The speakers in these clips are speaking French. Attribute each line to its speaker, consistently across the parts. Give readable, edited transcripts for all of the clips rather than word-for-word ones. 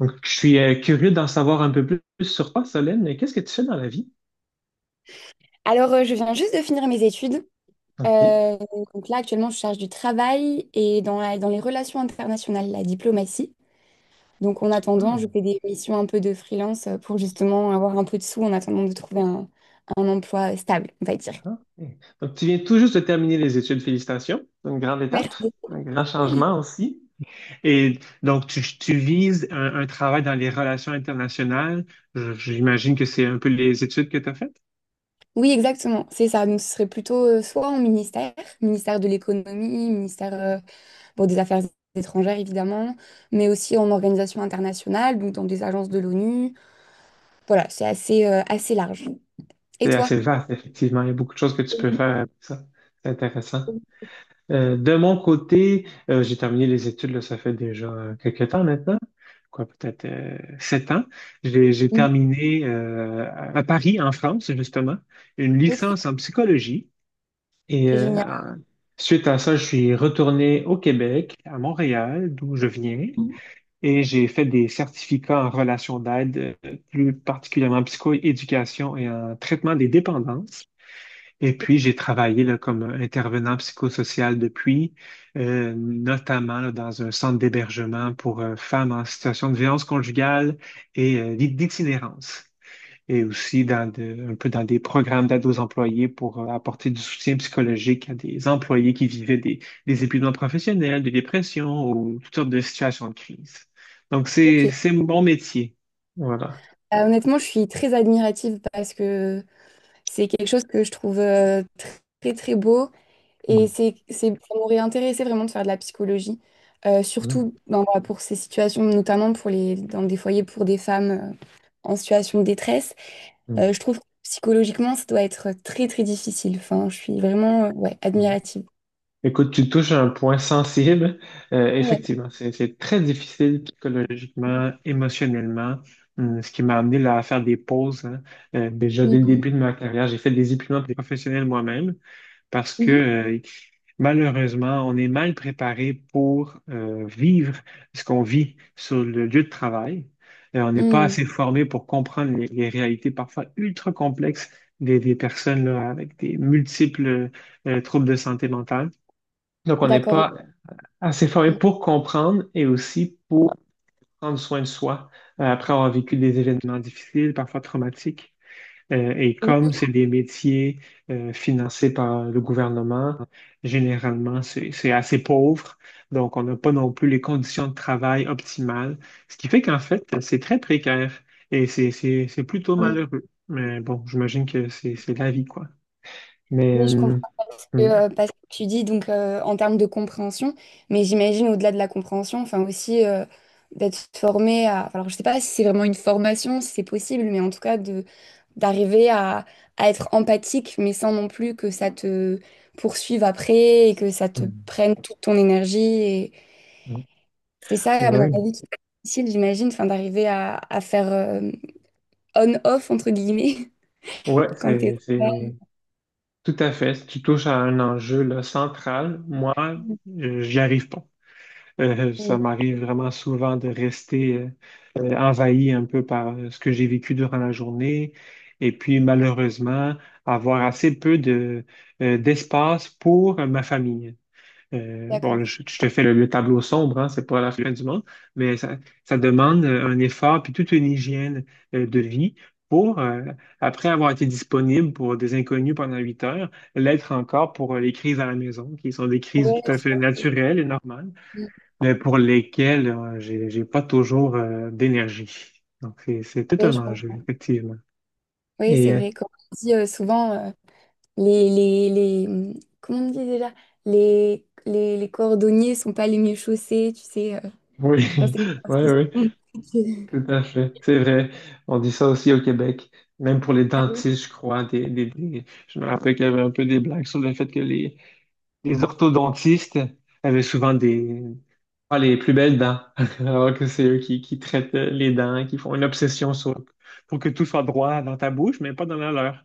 Speaker 1: Donc, je suis curieux d'en savoir un peu plus sur toi, Solène. Qu'est-ce que tu fais dans la vie?
Speaker 2: Alors, je viens juste de finir mes études.
Speaker 1: OK.
Speaker 2: Euh, donc là, actuellement, je charge du travail et dans les relations internationales, la diplomatie. Donc, en attendant,
Speaker 1: Ah,
Speaker 2: je fais des missions un peu de freelance pour justement avoir un peu de sous en attendant de trouver un emploi stable, on va dire.
Speaker 1: ah, ok. Donc, tu viens tout juste de terminer les études. Félicitations. C'est une grande étape,
Speaker 2: Merci.
Speaker 1: un grand changement aussi. Et donc, tu vises un travail dans les relations internationales. J'imagine que c'est un peu les études que tu as faites.
Speaker 2: Oui, exactement, c'est ça. Donc, ce serait plutôt soit en ministère, ministère de l'économie, ministère bon, des affaires étrangères, évidemment, mais aussi en organisation internationale, donc dans des agences de l'ONU. Voilà, c'est assez large. Et
Speaker 1: C'est
Speaker 2: toi?
Speaker 1: assez vaste, effectivement. Il y a beaucoup de choses que tu peux faire avec ça. C'est intéressant. De mon côté, j'ai terminé les études, là, ça fait déjà quelques temps maintenant, quoi, peut-être sept ans. J'ai
Speaker 2: Mhm.
Speaker 1: terminé à Paris, en France, justement, une
Speaker 2: Ok,
Speaker 1: licence en psychologie. Et
Speaker 2: génial.
Speaker 1: suite à ça, je suis retourné au Québec, à Montréal, d'où je viens, et j'ai fait des certificats en relations d'aide, plus particulièrement en psychoéducation et en traitement des dépendances. Et puis, j'ai travaillé là, comme intervenant psychosocial depuis, notamment là, dans un centre d'hébergement pour femmes en situation de violence conjugale et d'itinérance. Et aussi dans un peu dans des programmes d'aide aux employés pour apporter du soutien psychologique à des employés qui vivaient des épuisements professionnels, de dépression ou toutes sortes de situations de crise. Donc, c'est,
Speaker 2: Ok.
Speaker 1: c'est mon métier. Voilà.
Speaker 2: Honnêtement, je suis très admirative parce que c'est quelque chose que je trouve très très beau,
Speaker 1: Mm,
Speaker 2: et ça m'aurait intéressé vraiment de faire de la psychologie.
Speaker 1: mm,
Speaker 2: Surtout ben, voilà, pour ces situations, notamment pour dans des foyers pour des femmes en situation de détresse.
Speaker 1: mm,
Speaker 2: Je trouve que psychologiquement, ça doit être très très difficile. Enfin, je suis vraiment ouais,
Speaker 1: mm.
Speaker 2: admirative.
Speaker 1: Écoute, tu touches un point sensible. Euh,
Speaker 2: Ouais.
Speaker 1: effectivement, c'est très difficile psychologiquement, émotionnellement. Ce qui m'a amené là, à faire des pauses, hein. Déjà dès le début de ma carrière, j'ai fait des épuisements professionnels moi-même parce que
Speaker 2: Mhm.
Speaker 1: malheureusement, on est mal préparé pour vivre ce qu'on vit sur le lieu de travail. On n'est pas
Speaker 2: Mhm.
Speaker 1: assez formé pour comprendre les réalités parfois ultra complexes des personnes là, avec des multiples troubles de santé mentale. Donc, on n'est
Speaker 2: D'accord.
Speaker 1: pas assez formé
Speaker 2: Oui.
Speaker 1: pour comprendre et aussi pour prendre soin de soi après avoir vécu des événements difficiles, parfois traumatiques. Et comme c'est des métiers financés par le gouvernement, généralement, c'est assez pauvre. Donc, on n'a pas non plus les conditions de travail optimales, ce qui fait qu'en fait, c'est très précaire et c'est plutôt malheureux. Mais bon, j'imagine que c'est la vie, quoi. Mais...
Speaker 2: Oui, je
Speaker 1: euh,
Speaker 2: comprends. Que,
Speaker 1: hum,
Speaker 2: parce que tu dis donc en termes de compréhension, mais j'imagine au-delà de la compréhension, enfin aussi d'être formé à. Enfin, alors je sais pas si c'est vraiment une formation, si c'est possible, mais en tout cas de d'arriver à être empathique, mais sans non plus que ça te poursuive après et que ça te
Speaker 1: hum,
Speaker 2: prenne toute ton énergie. Et
Speaker 1: hum.
Speaker 2: c'est ça, à
Speaker 1: Oui,
Speaker 2: mon
Speaker 1: ouais,
Speaker 2: avis, qui est difficile, j'imagine, enfin d'arriver à faire on-off entre guillemets
Speaker 1: ouais,
Speaker 2: quand t'es.
Speaker 1: tout à fait. Si tu touches à un enjeu là, central, moi, j'y arrive pas. Ça
Speaker 2: Ouais.
Speaker 1: m'arrive vraiment souvent de rester envahi un peu par ce que j'ai vécu durant la journée et puis malheureusement avoir assez peu d'espace pour ma famille. Bon, là,
Speaker 2: D'accord.
Speaker 1: je te fais le tableau sombre, hein, c'est pas la fin du monde, mais ça demande un effort puis toute une hygiène de vie pour, après avoir été disponible pour des inconnus pendant huit heures, l'être encore pour les crises à la maison, qui sont des crises
Speaker 2: Ouais,
Speaker 1: tout à fait naturelles et normales, mais pour lesquelles j'ai pas toujours d'énergie. Donc, c'est tout un enjeu,
Speaker 2: je-
Speaker 1: effectivement.
Speaker 2: Oui, c'est
Speaker 1: Et euh,
Speaker 2: vrai, comme on dit souvent, les, les, les, hum, comment on dit déjà? Les cordonniers sont pas les mieux chaussés, tu sais.
Speaker 1: oui,
Speaker 2: Enfin,
Speaker 1: oui, oui.
Speaker 2: c'est
Speaker 1: Tout à fait, c'est vrai. On dit ça aussi au Québec, même pour les
Speaker 2: Ah oui.
Speaker 1: dentistes, je crois. Je me rappelle qu'il y avait un peu des blagues sur le fait que les orthodontistes avaient souvent des pas les plus belles dents, alors que c'est eux qui traitent les dents, qui font une obsession sur pour que tout soit droit dans ta bouche, mais pas dans la leur.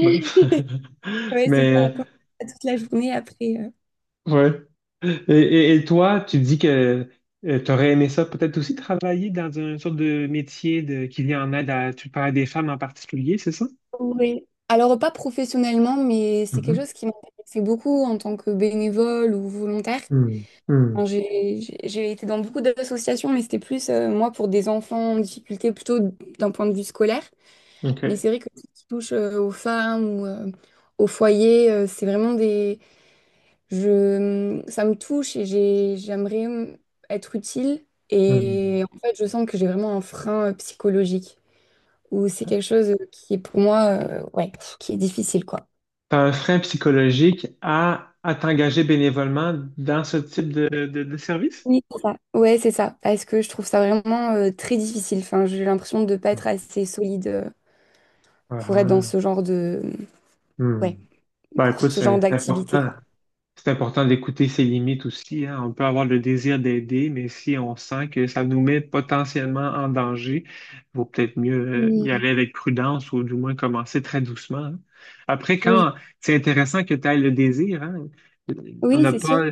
Speaker 1: Bref.
Speaker 2: Ouais, c'est ça, comme ça, toute la journée après.
Speaker 1: Ouais. Et toi, tu dis que tu aurais aimé ça peut-être aussi travailler dans un sorte de métier de, qui vient en aide à, tu parles des femmes en particulier, c'est ça?
Speaker 2: Oui. Alors, pas professionnellement, mais c'est quelque
Speaker 1: Mhm.
Speaker 2: chose qui m'intéressait beaucoup en tant que bénévole ou volontaire.
Speaker 1: Hmm. Hmm.
Speaker 2: Enfin, j'ai été dans beaucoup d'associations, mais c'était plus, moi, pour des enfants en difficulté, plutôt d'un point de vue scolaire. Mais
Speaker 1: OK.
Speaker 2: c'est vrai que tout ce qui touche aux femmes ou au foyer, c'est vraiment des... Ça me touche et j'aimerais être utile.
Speaker 1: Hmm.
Speaker 2: Et en fait, je sens que j'ai vraiment un frein psychologique. Ou c'est quelque chose qui est pour moi, ouais, pff, qui est difficile, quoi.
Speaker 1: Tu un frein psychologique à, t'engager bénévolement dans ce type de service?
Speaker 2: Oui, c'est ça. Ouais, c'est ça. Parce que je trouve ça vraiment très difficile. Enfin, j'ai l'impression de ne pas être assez solide pour être dans
Speaker 1: Ah.
Speaker 2: ce genre de...
Speaker 1: Hmm.
Speaker 2: Ouais,
Speaker 1: Ben
Speaker 2: pour
Speaker 1: écoute,
Speaker 2: ce genre
Speaker 1: c'est
Speaker 2: d'activité,
Speaker 1: important.
Speaker 2: quoi.
Speaker 1: C'est important d'écouter ses limites aussi, hein. On peut avoir le désir d'aider, mais si on sent que ça nous met potentiellement en danger, vaut peut-être mieux y
Speaker 2: Mm.
Speaker 1: aller avec prudence ou du moins commencer très doucement, hein. Après,
Speaker 2: Oui,
Speaker 1: quand c'est intéressant que tu aies le désir, hein. On
Speaker 2: oui,
Speaker 1: n'a
Speaker 2: c'est sûr.
Speaker 1: pas,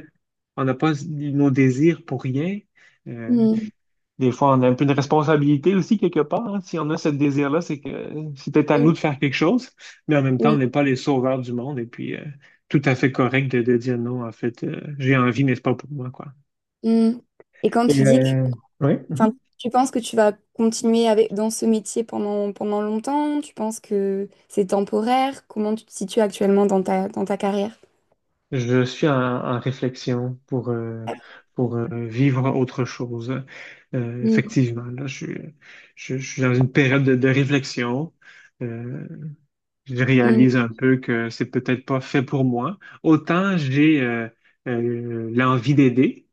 Speaker 1: on n'a pas nos désirs pour rien. Euh,
Speaker 2: Mm.
Speaker 1: des fois, on a un peu de responsabilité aussi quelque part, hein. Si on a ce désir-là, c'est que c'est peut-être à
Speaker 2: Oui,
Speaker 1: nous de faire quelque chose, mais en même temps, on
Speaker 2: oui.
Speaker 1: n'est pas les sauveurs du monde. Et puis, tout à fait correct de dire non, en fait, j'ai envie, mais c'est pas pour moi, quoi.
Speaker 2: Mm. Et quand tu
Speaker 1: Et
Speaker 2: dis que,
Speaker 1: euh, oui, mhm.
Speaker 2: enfin, tu penses que tu vas continuer avec, dans ce métier pendant, pendant longtemps, tu penses que c'est temporaire, comment tu te situes actuellement dans dans ta carrière?
Speaker 1: Je suis en réflexion pour vivre autre chose. Euh,
Speaker 2: Mm,
Speaker 1: effectivement, là, je suis dans une période de réflexion. Euh, je
Speaker 2: mm,
Speaker 1: réalise un peu que c'est peut-être pas fait pour moi. Autant j'ai l'envie d'aider,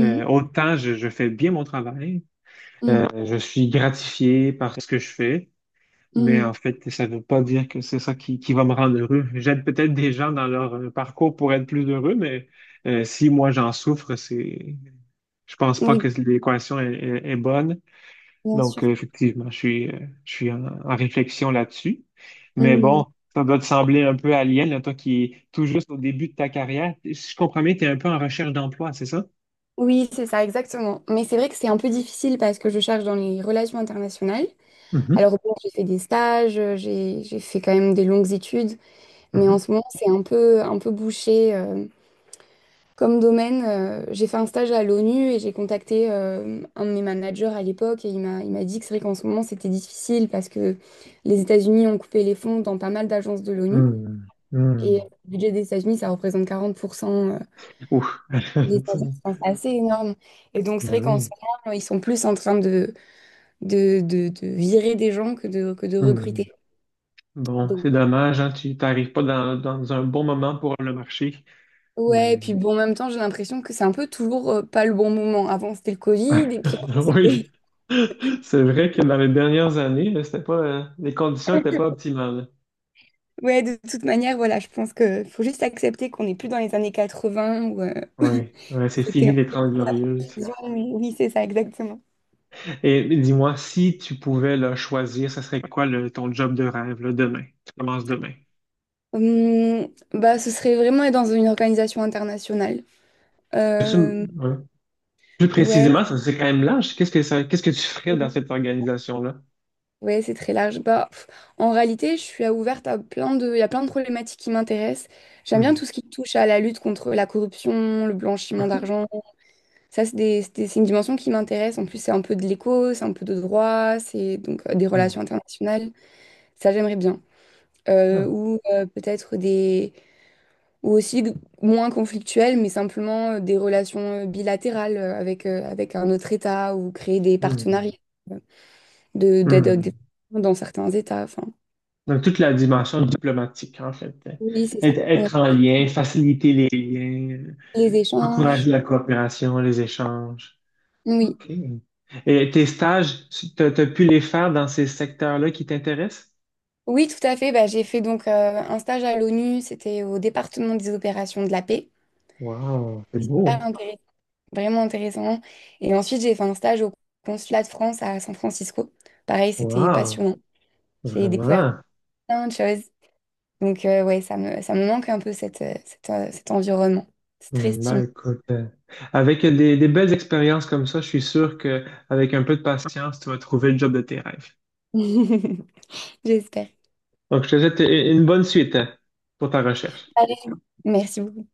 Speaker 1: autant je fais bien mon travail,
Speaker 2: mhm,
Speaker 1: je suis gratifié par ce que je fais,
Speaker 2: mm,
Speaker 1: mais
Speaker 2: mm.
Speaker 1: en fait, ça ne veut pas dire que c'est ça qui va me rendre heureux. J'aide peut-être des gens dans leur parcours pour être plus heureux, mais si moi j'en souffre, je pense pas
Speaker 2: Oui,
Speaker 1: que l'équation est bonne.
Speaker 2: bien
Speaker 1: Donc,
Speaker 2: sûr.
Speaker 1: effectivement, je suis en réflexion là-dessus. Mais
Speaker 2: Mm.
Speaker 1: bon, ça doit te sembler un peu alien, là, toi qui es tout juste au début de ta carrière. Si je comprends bien, tu es un peu en recherche d'emploi, c'est ça?
Speaker 2: Oui, c'est ça, exactement. Mais c'est vrai que c'est un peu difficile parce que je cherche dans les relations internationales.
Speaker 1: Mhm,
Speaker 2: Alors, bon, j'ai fait des stages, j'ai fait quand même des longues études, mais en
Speaker 1: mhm,
Speaker 2: ce moment, c'est un peu bouché. Comme domaine, j'ai fait un stage à l'ONU et j'ai contacté un de mes managers à l'époque et il m'a dit que c'est vrai qu'en ce moment c'était difficile parce que les États-Unis ont coupé les fonds dans pas mal d'agences de l'ONU
Speaker 1: mhm,
Speaker 2: et
Speaker 1: mhm.
Speaker 2: le budget des États-Unis ça représente 40%
Speaker 1: Ouf.
Speaker 2: des agences. Enfin, c'est assez énorme. Et donc c'est
Speaker 1: Ben
Speaker 2: vrai qu'en ce
Speaker 1: oui.
Speaker 2: moment ils sont plus en train de virer des gens que de
Speaker 1: Mhm.
Speaker 2: recruter.
Speaker 1: Bon,
Speaker 2: Donc,
Speaker 1: c'est dommage, hein, tu t'arrives pas dans un bon moment pour le marché.
Speaker 2: ouais, et
Speaker 1: Mais
Speaker 2: puis bon, en même temps j'ai l'impression que c'est un peu toujours pas le bon moment. Avant c'était le Covid et puis avant, c'était.
Speaker 1: oui, c'est vrai que dans les dernières années, c'était pas, les conditions n'étaient pas optimales.
Speaker 2: Ouais, de toute manière, voilà, je pense que faut juste accepter qu'on n'est plus dans les années 80 où
Speaker 1: Oui, ouais, c'est
Speaker 2: c'était
Speaker 1: fini les
Speaker 2: en
Speaker 1: 30 glorieuses.
Speaker 2: mais oui, oui, c'est ça, exactement.
Speaker 1: Et dis-moi, si tu pouvais là, choisir, ça serait quoi ton job de rêve là, demain? Tu commences demain.
Speaker 2: Bah, ce serait vraiment être dans une organisation internationale.
Speaker 1: Peux-tu m-
Speaker 2: Euh,
Speaker 1: ouais. Plus
Speaker 2: ouais,
Speaker 1: précisément, ça c'est quand même large. Qu'est-ce que tu ferais dans cette organisation-là?
Speaker 2: ouais, c'est très large. Bah, pff, en réalité, je suis ouverte à il y a plein de problématiques qui m'intéressent. J'aime bien
Speaker 1: Hmm.
Speaker 2: tout ce qui touche à la lutte contre la corruption, le blanchiment
Speaker 1: OK.
Speaker 2: d'argent. Ça, c'est une dimension qui m'intéresse. En plus, c'est un peu de l'éco, c'est un peu de droit, c'est donc des
Speaker 1: Hmm.
Speaker 2: relations internationales. Ça, j'aimerais bien.
Speaker 1: Ah.
Speaker 2: Ou Peut-être des ou aussi g- moins conflictuelles mais simplement des relations bilatérales avec un autre État ou créer des partenariats
Speaker 1: Hmm.
Speaker 2: euh, de d'aide aux
Speaker 1: Hmm.
Speaker 2: développement dans certains États, enfin
Speaker 1: Donc, toute la dimension diplomatique, en fait, hein.
Speaker 2: oui c'est ça
Speaker 1: Être,
Speaker 2: ouais.
Speaker 1: être en lien, faciliter les liens,
Speaker 2: Les échanges,
Speaker 1: encourager la coopération, les échanges.
Speaker 2: oui
Speaker 1: OK. Et tes stages, tu t'as, pu les faire dans ces secteurs-là qui t'intéressent?
Speaker 2: oui tout à fait, bah, j'ai fait donc un stage à l'ONU, c'était au département des opérations de la paix.
Speaker 1: Wow, c'est
Speaker 2: C'est
Speaker 1: beau.
Speaker 2: super intéressant, vraiment intéressant, et ensuite j'ai fait un stage au consulat de France à San Francisco, pareil c'était
Speaker 1: Wow,
Speaker 2: passionnant, j'ai découvert
Speaker 1: vraiment.
Speaker 2: plein de choses. Donc, ouais, ça me manque un peu cet environnement. C'est très
Speaker 1: Hmm, ben
Speaker 2: stimulant.
Speaker 1: écoute, avec des belles expériences comme ça, je suis sûr que avec un peu de patience, tu vas trouver le job de tes rêves.
Speaker 2: J'espère.
Speaker 1: Donc, je te souhaite une bonne suite, hein, pour ta recherche.
Speaker 2: Allez, merci beaucoup.